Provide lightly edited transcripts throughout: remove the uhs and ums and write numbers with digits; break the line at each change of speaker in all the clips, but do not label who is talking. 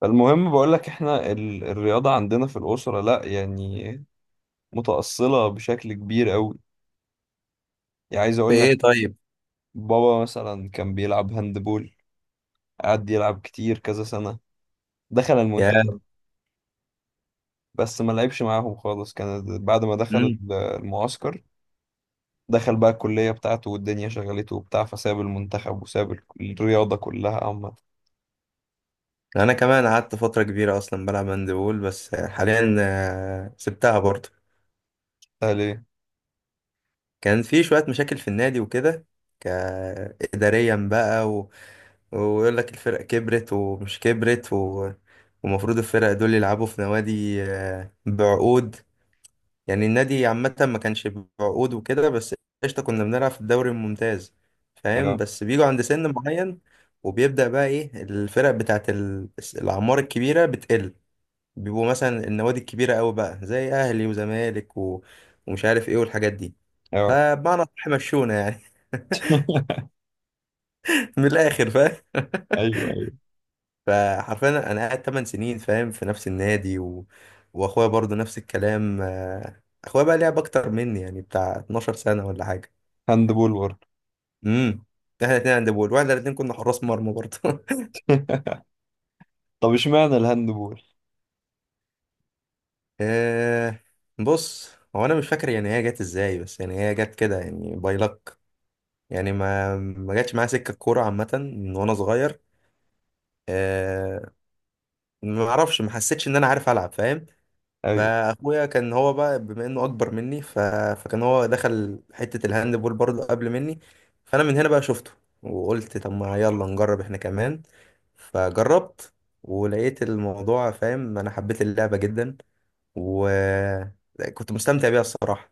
فالمهم بقول لك احنا الرياضة عندنا في الأسرة لا يعني متأصلة بشكل كبير قوي. يعني عايز
في
اقول لك،
ايه طيب؟
بابا مثلا كان بيلعب هاندبول، قعد يلعب كتير كذا سنة، دخل
يا.
المنتخب. بس ما لعبش معاهم خالص، كان بعد ما دخل
مم.
المعسكر، دخل بقى الكلية بتاعته والدنيا شغلته وبتاع، فساب المنتخب وساب الرياضة كلها عامة.
انا كمان قعدت فتره كبيره اصلا بلعب هاندبول، بس حاليا سبتها برضه.
ده ليه؟
كان في شويه مشاكل في النادي وكده. ك- اداريا بقى، و... ويقول لك الفرق كبرت ومش كبرت، و... ومفروض الفرق دول يلعبوا في نوادي بعقود. يعني النادي عامه ما كانش بعقود وكده، بس قشطه كنا بنلعب في الدوري الممتاز. فاهم؟
اه
بس بيجوا عند سن معين، وبيبدأ بقى ايه، الفرق بتاعت الأعمار الكبيرة بتقل. بيبقوا مثلا النوادي الكبيرة أوي بقى زي أهلي وزمالك، و... ومش عارف إيه والحاجات دي.
اه،
فبمعنى أصح مشونا يعني. من الآخر فاهم.
ايوه ايوه.
فحرفيا أنا قاعد 8 سنين فاهم، في نفس النادي. و... وأخويا برضو نفس الكلام، أخويا بقى لعب أكتر مني، يعني بتاع 12 سنة ولا حاجة.
هاندبول برضه؟
امم. إحنا الاتنين عند بول، واحنا الاتنين كنا حراس مرمى برضو.
طب اشمعنى الهاندبول؟
آه، بص، هو أنا مش فاكر يعني هي جت إزاي، بس يعني هي جت كده، يعني باي luck. يعني ما ما جاتش معايا سكه الكوره عامه من وانا صغير. آه. ما اعرفش، ما حسيتش ان انا عارف العب، فاهم؟
ايوه،
فاخويا كان هو بقى بما انه اكبر مني، ف... فكان هو دخل حته الهاند بول برضه قبل مني. فانا من هنا بقى شفته، وقلت طب ما يلا نجرب احنا كمان. فجربت ولقيت الموضوع فاهم، انا حبيت اللعبه جدا، وكنت مستمتع بيها الصراحه.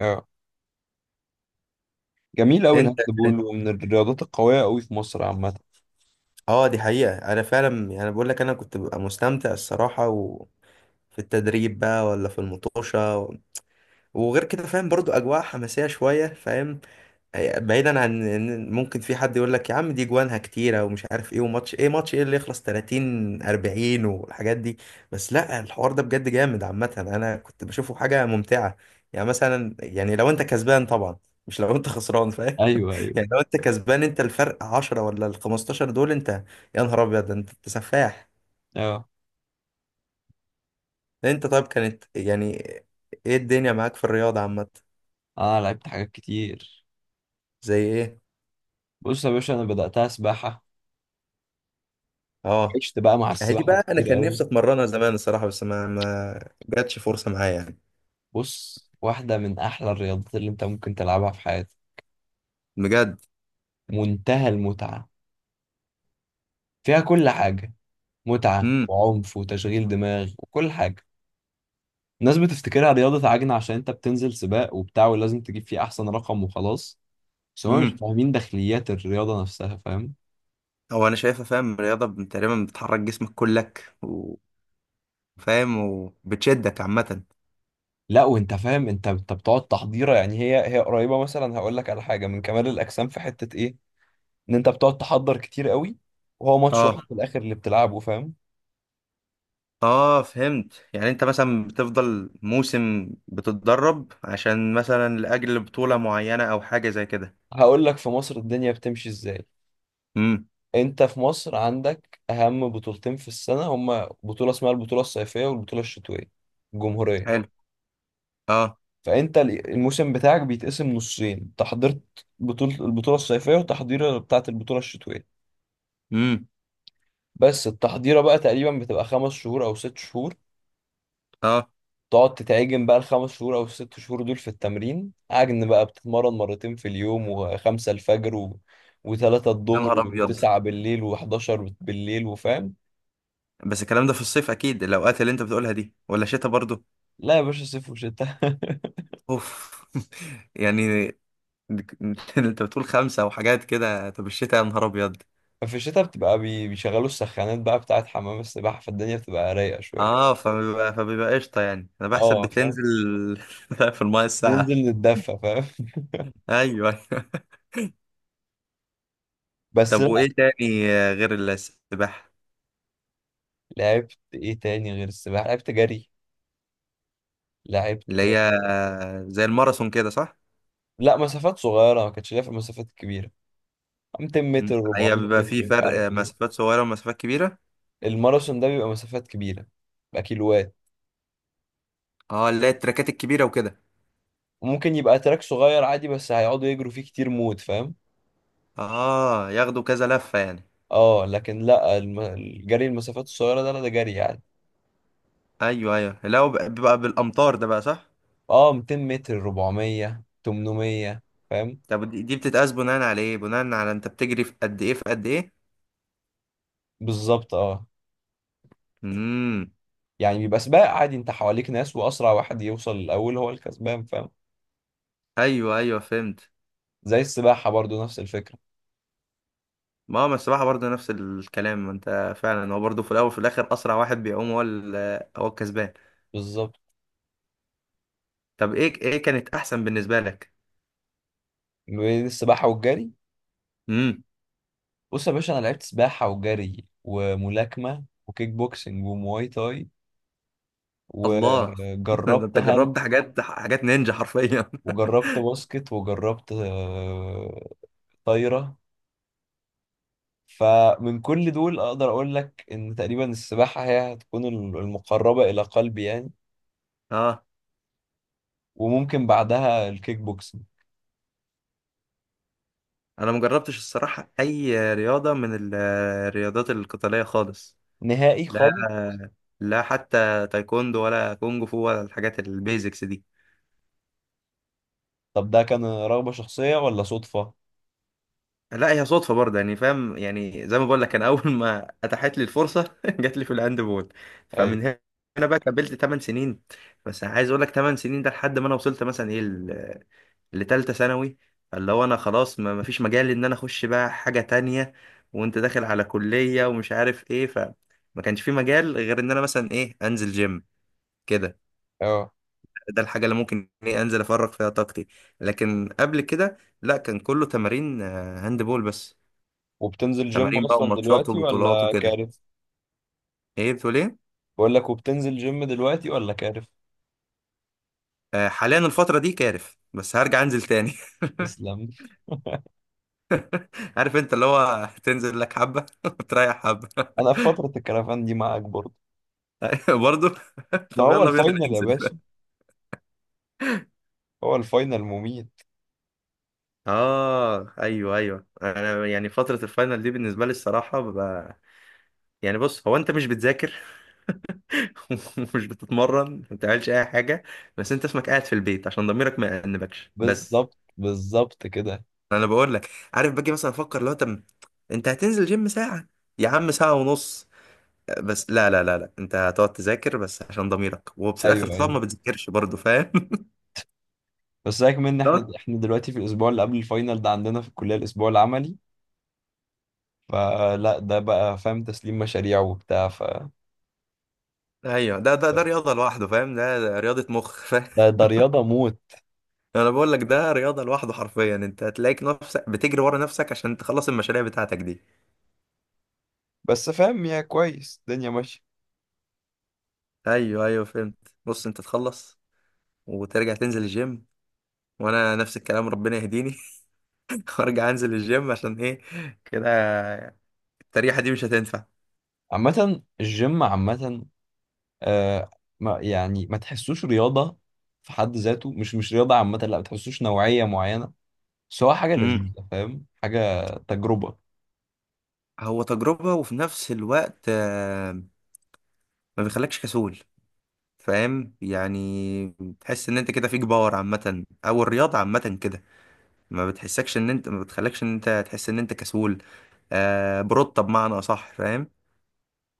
اه. جميل قوي الهاند
انت.
بول، ومن الرياضات القويه قوي في مصر عامه.
اه، دي حقيقة، انا فعلا يعني انا بقول لك انا كنت ببقى مستمتع الصراحة، و... في التدريب بقى ولا في المطوشة. و... وغير كده فاهم برضو أجواء حماسية شوية فاهم. بعيدا عن إن ممكن في حد يقول لك يا عم دي جوانها كتيرة ومش عارف إيه، وماتش إيه ماتش إيه اللي يخلص 30 40 والحاجات دي. بس لا، الحوار ده بجد جامد عامة، أنا كنت بشوفه حاجة ممتعة. يعني مثلا يعني لو أنت كسبان طبعا، مش لو أنت خسران فاهم.
ايوه ايوه،
يعني لو انت كسبان، انت الفرق 10 ولا ال 15 دول، انت يا نهار ابيض، ده انت انت سفاح.
اه.
انت طيب، كانت يعني ايه الدنيا معاك في الرياضة عامة؟
انا لعبت حاجات كتير.
زي ايه؟
بص يا باشا، انا بداتها سباحه،
اه.
وعشت بقى مع
اهي دي
السباحه
بقى انا
كتير
كان
قوي.
نفسي اتمرنها زمان الصراحة، بس ما ما جاتش فرصة معايا يعني.
بص، واحده من احلى الرياضات اللي انت ممكن تلعبها في حياتك.
بجد؟
منتهى المتعه، فيها كل حاجه، متعه
امم.
وعنف وتشغيل دماغ وكل حاجه. الناس بتفتكرها رياضه عجنه عشان انت بتنزل سباق وبتاع ولازم تجيب فيه احسن رقم وخلاص، بس هما مش
امم.
فاهمين داخليات الرياضه نفسها، فاهم؟
هو انا شايفها فاهم، الرياضة تقريبا بتحرك جسمك كلك، وفاهم وبتشدك عامة.
لا وانت فاهم، انت بتقعد تحضيره، يعني هي قريبه مثلا، هقول لك، على حاجه من كمال الاجسام في حته ايه. ان انت بتقعد تحضر كتير قوي، وهو ماتش واحد
اه.
في الاخر اللي بتلعبه، فاهم؟
اه فهمت، يعني انت مثلا بتفضل موسم بتتدرب عشان مثلا لاجل بطولة معينة او حاجة زي كده.
هقول لك في مصر الدنيا بتمشي ازاي.
امم.
انت في مصر عندك اهم بطولتين في السنه، هما بطوله اسمها البطوله الصيفيه والبطوله الشتويه الجمهوريه.
حلو. اه.
فانت الموسم بتاعك بيتقسم نصين، انت حضرت البطوله الصيفيه وتحضيره بتاعه البطوله الشتويه.
امم.
بس التحضيره بقى تقريبا بتبقى 5 شهور او 6 شهور،
اه.
تقعد تتعجن بقى الخمس شهور او الست شهور دول في التمرين عجن، بقى بتتمرن مرتين في اليوم، وخمسة الفجر وثلاثة
يا
الظهر
نهار ابيض،
وتسعة بالليل وحداشر بالليل، وفاهم.
بس الكلام ده في الصيف اكيد الاوقات اللي انت بتقولها دي، ولا شتاء برضو؟
لا يا باشا، صيف وشتاء.
اوف. يعني. انت بتقول خمسة وحاجات كده، طب الشتاء يا نهار ابيض.
في الشتاء بتبقى بيشغلوا السخانات بقى بتاعت حمام السباحة، فالدنيا بتبقى رايقة شوية.
اه، فبيبقى فبيبقى قشطة يعني. انا بحسب
اه فاهم،
بتنزل في المايه الساعة.
ننزل نتدفى، فاهم؟
ايوه.
بس
طب
لا.
وايه تاني غير السباحة؟
لعبت ايه تاني غير السباحة؟ لعبت جري، لعبت،
اللي هي زي الماراثون كده، صح؟
لا مسافات صغيرة، ما كانتش ليا في المسافات الكبيرة. 200
مم.
متر،
هي
400
بيبقى في
متر، مش عارف
فرق،
إيه.
مسافات صغيرة ومسافات كبيرة.
الماراثون ده بيبقى مسافات كبيرة، بيبقى كيلوات،
اه اللي هي التراكات الكبيرة وكده.
وممكن يبقى تراك صغير عادي بس هيقعدوا يجروا فيه كتير موت، فاهم؟
اه، ياخدوا كذا لفة يعني.
اه، لكن لا، الجري المسافات الصغيرة ده، لا ده جري يعني.
ايوه ايوه، لا هو بيبقى بالامتار ده بقى، صح؟
اه، 200 متر، 400، 800، فاهم؟
طب دي بتتقاس بناء على ايه؟ بناء على انت بتجري في قد ايه في قد ايه؟
بالظبط، اه.
امم.
يعني بيبقى سباق عادي، انت حواليك ناس، واسرع واحد يوصل الاول هو الكسبان، فاهم؟
ايوه ايوه فهمت.
زي السباحة برضو، نفس الفكرة.
ما هو السباحة برضه نفس الكلام، ما انت فعلا هو برضه في الاول وفي الاخر اسرع واحد بيعوم هو هو الكسبان.
بالظبط.
طب ايه ايه كانت احسن بالنسبة لك؟
بين السباحة والجري؟ بص يا باشا، انا لعبت سباحة وجري وملاكمة وكيك بوكسنج ومواي تاي،
الله. ده
وجربت
انت جربت
هاند،
حاجات حاجات نينجا حرفيا.
وجربت باسكت، وجربت طايرة. فمن كل دول أقدر أقول لك إن تقريبا السباحة هي هتكون المقربة إلى قلبي يعني،
اه،
وممكن بعدها الكيك بوكسنج.
انا مجربتش الصراحه اي رياضه من الرياضات القتاليه خالص.
نهائي
لا.
خالص.
لا حتى تايكوندو ولا كونج فو ولا الحاجات البيزكس دي.
طب ده كان رغبة شخصية ولا صدفة؟
لا هي صدفه برضه يعني فاهم، يعني زي ما بقول لك انا اول ما اتاحت لي الفرصه جات لي في الهاند بول.
أيوة.
فمن هنا بقى كملت 8 سنين. بس عايز اقول لك 8 سنين ده لحد ما انا وصلت مثلا ايه، لتالتة ثانوي. فاللي هو انا خلاص ما مفيش مجال ان انا اخش بقى حاجة تانية، وانت داخل على كلية ومش عارف ايه، فما كانش في مجال غير ان انا مثلا ايه انزل جيم كده.
أه،
ده الحاجة اللي ممكن ايه انزل افرغ فيها طاقتي. لكن قبل كده لا، كان كله تمارين هاند بول بس.
وبتنزل جيم
تمارين بقى
أصلا
وماتشات
دلوقتي
وبطولات
ولا
وكده.
كارف؟
ايه بتقول ايه؟
بقول لك، وبتنزل جيم دلوقتي ولا كارف؟
حاليا الفترة دي كارف، بس هرجع انزل تاني.
تسلم.
عارف انت اللي هو تنزل لك حبة وتريح حبة.
أنا في فترة الكرفان دي معاك برضه.
برضه.
ما
طب
هو
يلا بينا
الفاينل يا
ننزل.
باشا، هو الفاينل مميت.
اه ايوه ايوه، انا يعني فتره الفاينل دي بالنسبه لي الصراحه ببقى يعني، بص هو انت مش بتذاكر ومش بتتمرن، ما بتعملش اي حاجه، بس انت اسمك قاعد في البيت عشان ضميرك ما يأنبكش بس.
بالظبط بالظبط كده.
انا بقول لك عارف، باجي مثلا افكر لو انت، انت هتنزل جيم ساعه، يا عم ساعه ونص، بس لا لا لا لا، انت هتقعد تذاكر بس عشان ضميرك، وفي الاخر
ايوه
طبعا
ايوه.
ما بتذاكرش برضه، فاهم؟
بس سيبك من ان احنا
ده-
احنا دلوقتي في الاسبوع اللي قبل الفاينل ده، عندنا في الكليه الاسبوع العملي. فلا، ده بقى فاهم تسليم مشاريع وبتاع،
ايوه، ده رياضه لوحده فاهم، ده رياضه مخ.
ده رياضه موت.
انا بقول لك ده رياضه لوحده حرفيا، انت هتلاقيك نفسك بتجري ورا نفسك عشان تخلص المشاريع بتاعتك دي.
بس فاهم يا كويس، الدنيا ماشيه.
ايوه ايوه فهمت، بص انت تخلص وترجع تنزل الجيم. وانا نفس الكلام، ربنا يهديني. وارجع انزل الجيم عشان ايه كده. التريحه دي مش هتنفع.
عامه الجيم عامه، آه، ما يعني ما تحسوش رياضه في حد ذاته، مش مش رياضه عامه، لا، ما تحسوش نوعيه معينه، بس هو حاجه
امم.
لذيذه، فاهم، حاجه تجربه.
هو تجربه، وفي نفس الوقت ما بيخلكش كسول، فاهم؟ يعني تحس ان انت كده فيك باور عامه، او الرياضه عامه كده ما بتحسكش ان انت، ما بتخلكش ان انت تحس ان انت كسول. آه، بروتة بمعنى اصح فاهم.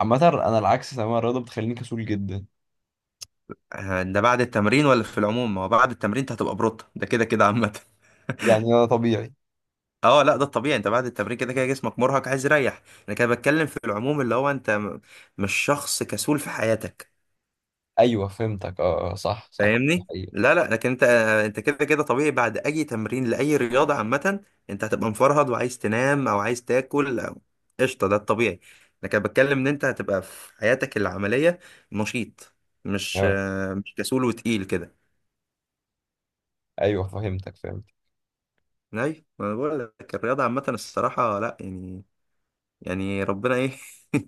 عامه انا العكس تماما، الرياضه بتخليني كسول جدا.
آه، ده بعد التمرين ولا في العموم؟ ما هو بعد التمرين انت هتبقى بروتة ده كده كده عامة.
يعني انا طبيعي.
اه لا، ده الطبيعي، انت بعد التمرين كده كده جسمك مرهق عايز يريح. انا كده بتكلم في العموم، اللي هو انت مش شخص كسول في حياتك.
ايوه فهمتك، اه آه، صح صح، ده
فاهمني؟
حقيقي.
لا لا، لكن انت انت كده كده طبيعي بعد اي تمرين لاي رياضه عامه، انت هتبقى مفرهد وعايز تنام او عايز تاكل، او قشطه ده الطبيعي. لكن أنا بتكلم ان انت هتبقى في حياتك العمليه نشيط، مش
اه
مش كسول وتقيل كده.
ايوه، فهمتك فهمت.
اي ما أنا بقول لك الرياضه عامه الصراحه لا يعني، يعني ربنا ايه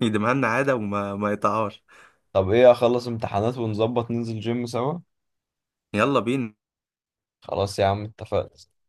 يديمها لنا عاده وما ما يقطعهاش.
طب ايه، اخلص امتحانات ونظبط ننزل جيم سوا؟
يلا بينا.
خلاص يا عم اتفقنا.